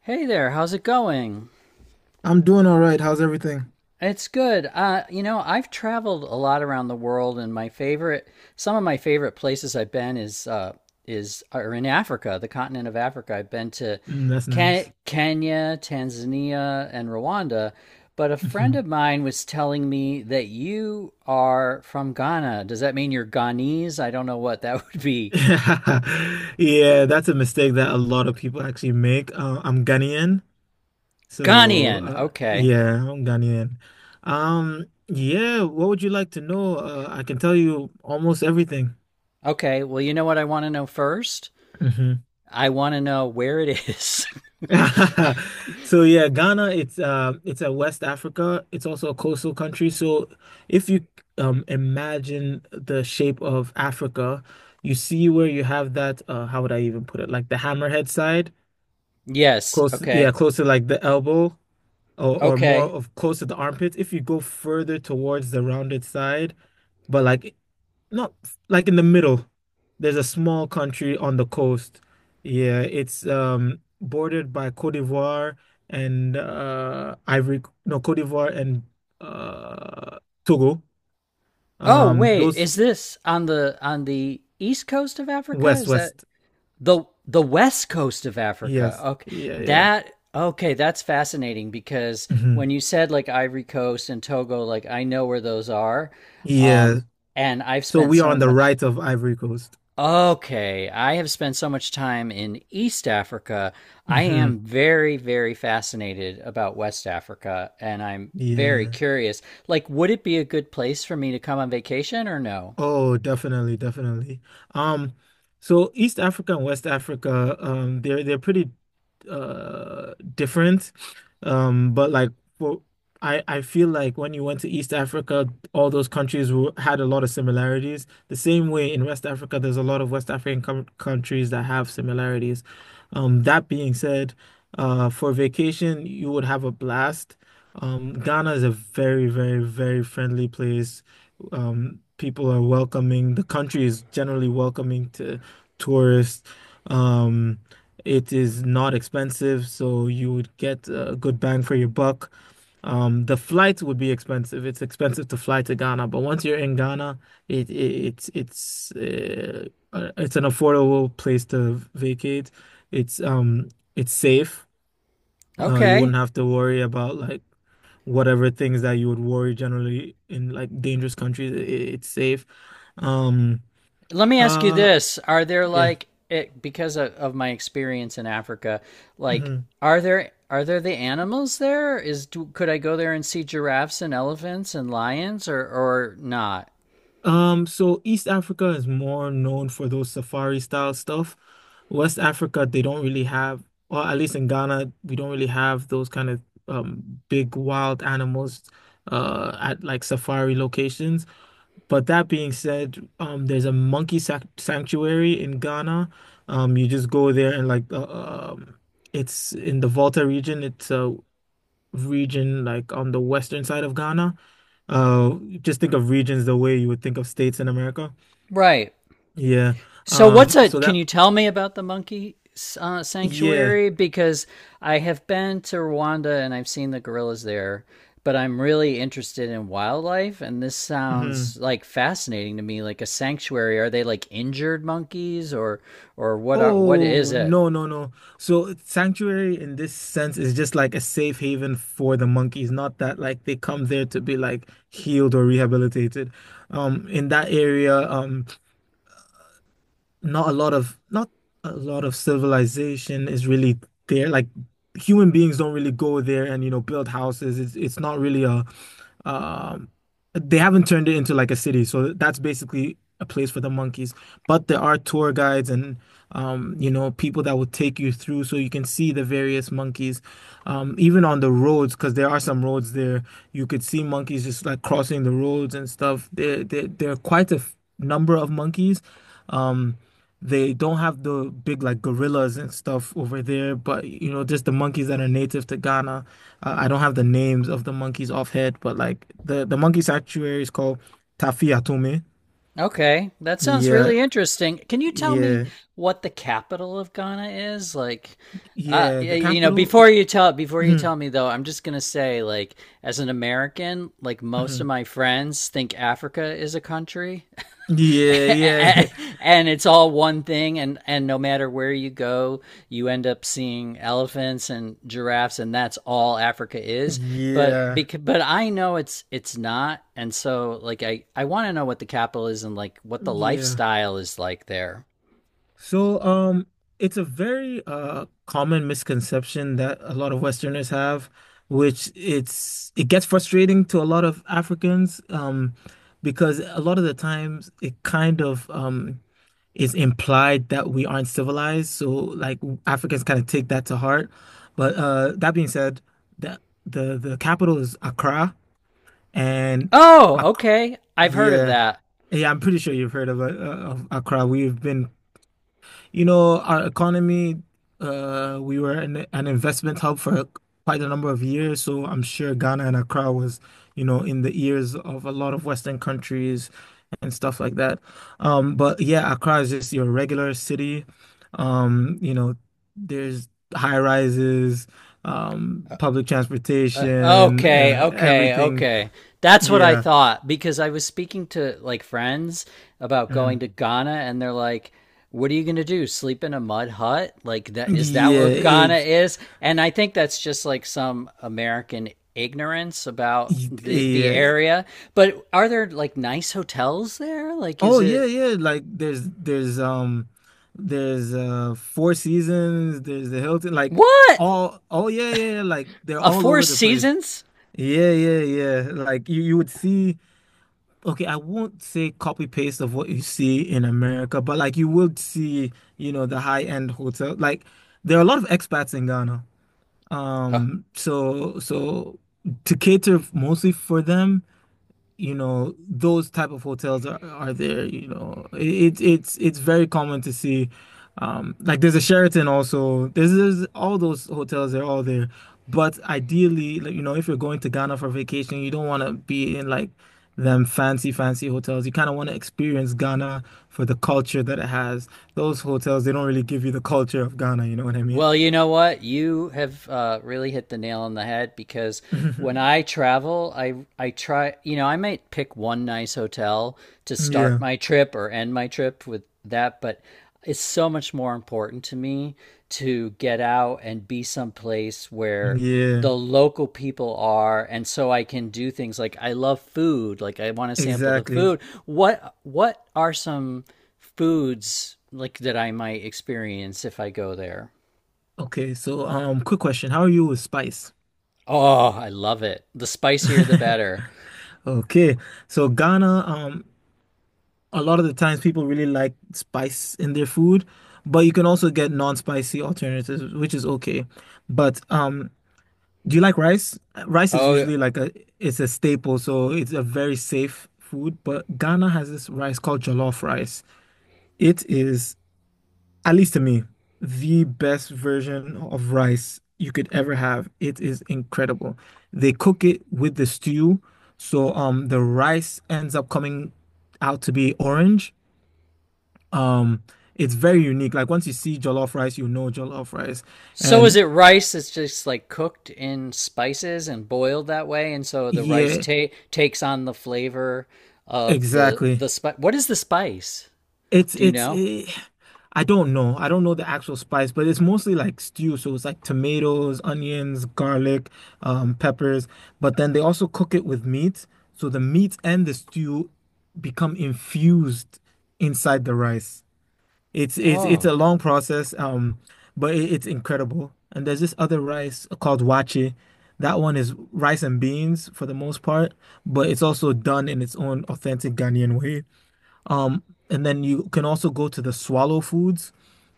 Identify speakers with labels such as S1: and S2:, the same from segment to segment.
S1: Hey there, how's it going?
S2: I'm doing all right. How's everything?
S1: It's good. You know, I've traveled a lot around the world, and some of my favorite places I've been is are in Africa, the continent of Africa. I've been to
S2: Mm, that's nice.
S1: Kenya, Tanzania, and Rwanda. But a friend
S2: Mhm.
S1: of mine was telling me that you are from Ghana. Does that mean you're Ghanese? I don't know what that would be.
S2: Yeah, that's a mistake that a lot of people actually make. I'm Ghanaian, so
S1: Ghanaian. Okay.
S2: yeah, I'm Ghanaian. Yeah, what would you like to know? I can tell you almost everything.
S1: Okay. Well, you know what I want to know first? I want to know where it is.
S2: So yeah, Ghana, it's a West Africa. It's also a coastal country. So if you imagine the shape of Africa, you see where you have that, how would I even put it? Like the hammerhead side,
S1: Yes.
S2: close, yeah,
S1: Okay.
S2: close to like the elbow or more
S1: Okay.
S2: of close to the armpits. If you go further towards the rounded side, but like not like in the middle. There's a small country on the coast. Yeah, it's bordered by Côte d'Ivoire and Ivory, no, Côte d'Ivoire and uh Togo.
S1: Oh
S2: Um,
S1: wait,
S2: those
S1: is this on the east coast of Africa?
S2: west,
S1: Is that
S2: west.
S1: the west coast of Africa?
S2: Yes.
S1: Okay.
S2: Yeah, yeah.
S1: That okay, that's fascinating because when
S2: Hmm.
S1: you said like Ivory Coast and Togo, like I know where those are.
S2: Yeah.
S1: Um and I've
S2: So
S1: spent
S2: we are
S1: so
S2: on the
S1: much.
S2: right of Ivory Coast.
S1: Okay, I have spent so much time in East Africa. I
S2: Hmm.
S1: am very, very fascinated about West Africa, and I'm very
S2: Yeah.
S1: curious. Like, would it be a good place for me to come on vacation or no?
S2: Oh, definitely, definitely. Um, so East Africa and West Africa, they're pretty different. But like for I feel like when you went to East Africa, all those countries were, had a lot of similarities. The same way in West Africa, there's a lot of West African com countries that have similarities. That being said, for vacation, you would have a blast. Ghana is a very, very, very friendly place. People are welcoming. The country is generally welcoming to tourists. Um, it is not expensive, so you would get a good bang for your buck. The flights would be expensive. It's expensive to fly to Ghana, but once you're in Ghana, it it's an affordable place to vacate. It's um it's safe. You
S1: Okay.
S2: wouldn't have to worry about like whatever things that you would worry generally in like dangerous countries. It's safe. Um,
S1: Let me ask you
S2: uh,
S1: this. Are there
S2: yeah.
S1: like it because of my experience in Africa, like
S2: Hmm.
S1: are there the animals there? Is do, could I go there and see giraffes and elephants and lions or not?
S2: So East Africa is more known for those safari style stuff. West Africa, they don't really have, or at least in Ghana, we don't really have those kind of big wild animals at like safari locations. But that being said, there's a monkey sac sanctuary in Ghana. You just go there and like, it's in the Volta region. It's a region like on the western side of Ghana. Just think of regions the way you would think of states in America.
S1: Right.
S2: Yeah.
S1: So what's
S2: Um,
S1: a?
S2: so
S1: Can
S2: that
S1: you tell me about the monkey
S2: yeah.
S1: sanctuary? Because I have been to Rwanda and I've seen the gorillas there, but I'm really interested in wildlife, and this sounds
S2: Mhm.
S1: like fascinating to me. Like a sanctuary, are they like injured monkeys, or what? Are, what is
S2: Oh,
S1: it?
S2: no, no, no. So sanctuary in this sense is just like a safe haven for the monkeys, not that like they come there to be like healed or rehabilitated. In that area, not a lot of civilization is really there. Like human beings don't really go there and build houses. It's not really a um, they haven't turned it into like a city, so that's basically a place for the monkeys. But there are tour guides and you know, people that will take you through so you can see the various monkeys. Even on the roads, because there are some roads there, you could see monkeys just like crossing the roads and stuff. There are quite a number of monkeys. Um, they don't have the big like gorillas and stuff over there, but you know, just the monkeys that are native to Ghana. I don't have the names of the monkeys off head, but like the monkey sanctuary is called Tafi Atome.
S1: Okay, that sounds
S2: Yeah,
S1: really interesting. Can you tell me
S2: yeah,
S1: what the capital of Ghana is? Like,
S2: yeah. The
S1: you know,
S2: capital.
S1: before you
S2: Mhm,
S1: tell me though, I'm just gonna say, like, as an American, like most of
S2: mhm.
S1: my friends think Africa is a country.
S2: Yeah, yeah,
S1: And it's all one thing and no matter where you go, you end up seeing elephants and giraffes, and that's all Africa is. But
S2: yeah,
S1: because but I know it's not. And so like I want to know what the capital is and like what the
S2: yeah.
S1: lifestyle is like there.
S2: So, it's a very common misconception that a lot of Westerners have, which it gets frustrating to a lot of Africans, because a lot of the times it kind of is implied that we aren't civilized. So like Africans kind of take that to heart. But that being said, the the capital is Accra and
S1: Oh
S2: Ac
S1: okay, I've heard of
S2: yeah.
S1: that.
S2: Yeah, I'm pretty sure you've heard of Accra. We've been, you know, our economy, we were an investment hub for quite a number of years. So I'm sure Ghana and Accra was, you know, in the ears of a lot of Western countries and stuff like that. But yeah, Accra is just your regular city. You know, there's high rises, public transportation,
S1: Okay, okay,
S2: everything.
S1: okay. That's what I
S2: Yeah.
S1: thought because I was speaking to like friends about going
S2: Mhm.
S1: to Ghana and they're like, "What are you going to do? Sleep in a mud hut? Like that is that
S2: Yeah,
S1: what Ghana
S2: it,
S1: is?" And I think that's just like some American ignorance about the
S2: it,
S1: area. But are there like nice hotels there? Like
S2: oh
S1: is
S2: yeah,
S1: it.
S2: yeah. Like there's Four Seasons, there's the Hilton, like
S1: What?
S2: all, oh yeah, yeah, yeah, like they're
S1: A
S2: all
S1: Four
S2: over the place.
S1: Seasons?
S2: Yeah, yeah, yeah. Like you would see, okay, I won't say copy paste of what you see in America, but like you would see, you know, the high-end hotel. Like there are a lot of expats in Ghana.
S1: Uh,
S2: So to cater mostly for them, you know, those type of hotels are there, you know, it's very common to see like there's a Sheraton, also there's all those hotels, they're all there, but ideally, like, you know, if you're going to Ghana for vacation, you don't want to be in like them fancy hotels, you kind of want to experience Ghana for the culture that it has. Those hotels, they don't really give you the culture of Ghana, you know what I mean?
S1: Well, you know what? You have really hit the nail on the head because when I travel, I try. You know, I might pick one nice hotel to
S2: Yeah,
S1: start my trip or end my trip with that, but it's so much more important to me to get out and be someplace where
S2: yeah,
S1: the local people are, and so I can do things like I love food, like I want to sample the
S2: exactly.
S1: food. What are some foods like that I might experience if I go there?
S2: Okay, so quick question, how are you with spice?
S1: Oh, I love it. The spicier the better.
S2: Okay, so Ghana, a lot of the times people really like spice in their food, but you can also get non-spicy alternatives, which is okay. But do you like rice? Rice is
S1: Oh,
S2: usually like a, it's a staple, so it's a very safe food. But Ghana has this rice called jollof rice. It is, at least to me, the best version of rice you could ever have. It is incredible. They cook it with the stew, so the rice ends up coming out to be orange. Um, it's very unique. Like once you see jollof rice, you know jollof rice.
S1: so is
S2: And
S1: it rice that's just like cooked in spices and boiled that way, and so the rice
S2: yeah,
S1: ta takes on the flavor of the
S2: exactly.
S1: the spice. What is the spice?
S2: It's
S1: Do you
S2: it's
S1: know?
S2: eh, I don't know. I don't know the actual spice, but it's mostly like stew. So it's like tomatoes, onions, garlic, peppers. But then they also cook it with meat. So the meat and the stew become infused inside the rice. It's a
S1: Oh,
S2: long process, but it's incredible. And there's this other rice called wache. That one is rice and beans for the most part, but it's also done in its own authentic Ghanaian way. Um, and then you can also go to the swallow foods.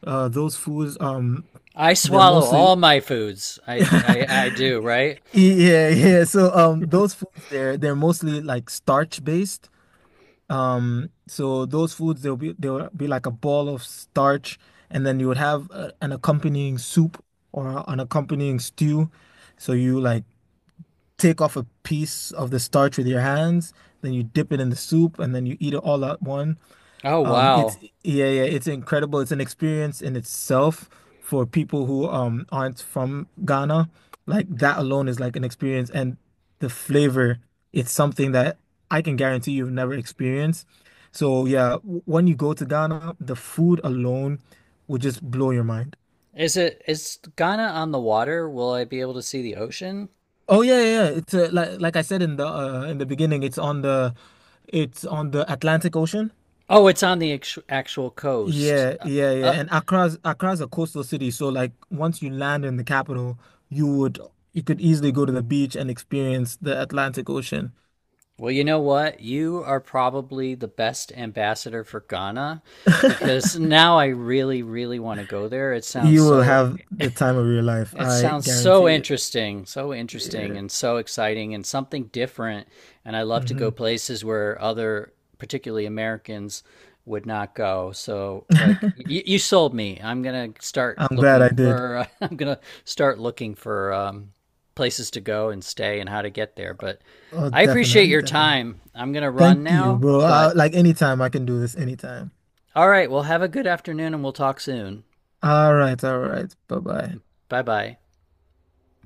S2: Those foods,
S1: I
S2: they're
S1: swallow
S2: mostly
S1: all my foods. I do, right?
S2: yeah, yeah. So those foods, they're mostly like starch based. So those foods, they'll be like a ball of starch, and then you would have an accompanying soup or an accompanying stew. So you like take off a piece of the starch with your hands, then you dip it in the soup and then you eat it all at once.
S1: Oh,
S2: It's
S1: wow.
S2: yeah, yeah, it's incredible. It's an experience in itself for people who aren't from Ghana. Like that alone is like an experience, and the flavor, it's something that I can guarantee you've never experienced. So yeah, when you go to Ghana, the food alone will just blow your mind.
S1: Is it is Ghana on the water? Will I be able to see the ocean?
S2: Oh yeah, yeah, yeah. It's like I said in the beginning, it's on the, it's on the Atlantic Ocean.
S1: Oh, it's on the actual coast.
S2: Yeah, yeah, yeah.
S1: Uh,
S2: And Accra's a coastal city, so like once you land in the capital, you would you could easily go to the beach and experience the Atlantic Ocean.
S1: Well, you know what? You are probably the best ambassador for Ghana because now I really, really want to go there. It sounds
S2: You will
S1: so,
S2: have the time of your life, I guarantee it.
S1: interesting, so interesting
S2: Yeah.
S1: and so exciting and something different. And I love to
S2: Hmm.
S1: go places where other, particularly Americans, would not go. So, like, you sold me. I'm gonna start
S2: I'm glad I
S1: looking
S2: did.
S1: for, I'm gonna start looking for places to go and stay and how to get there. But
S2: Oh,
S1: I appreciate
S2: definitely,
S1: your
S2: definitely.
S1: time. I'm gonna run
S2: Thank you,
S1: now,
S2: bro. I,
S1: but
S2: like anytime, I can do this anytime.
S1: all right, well, have a good afternoon and we'll talk soon.
S2: All right, all right. Bye-bye.
S1: Bye bye.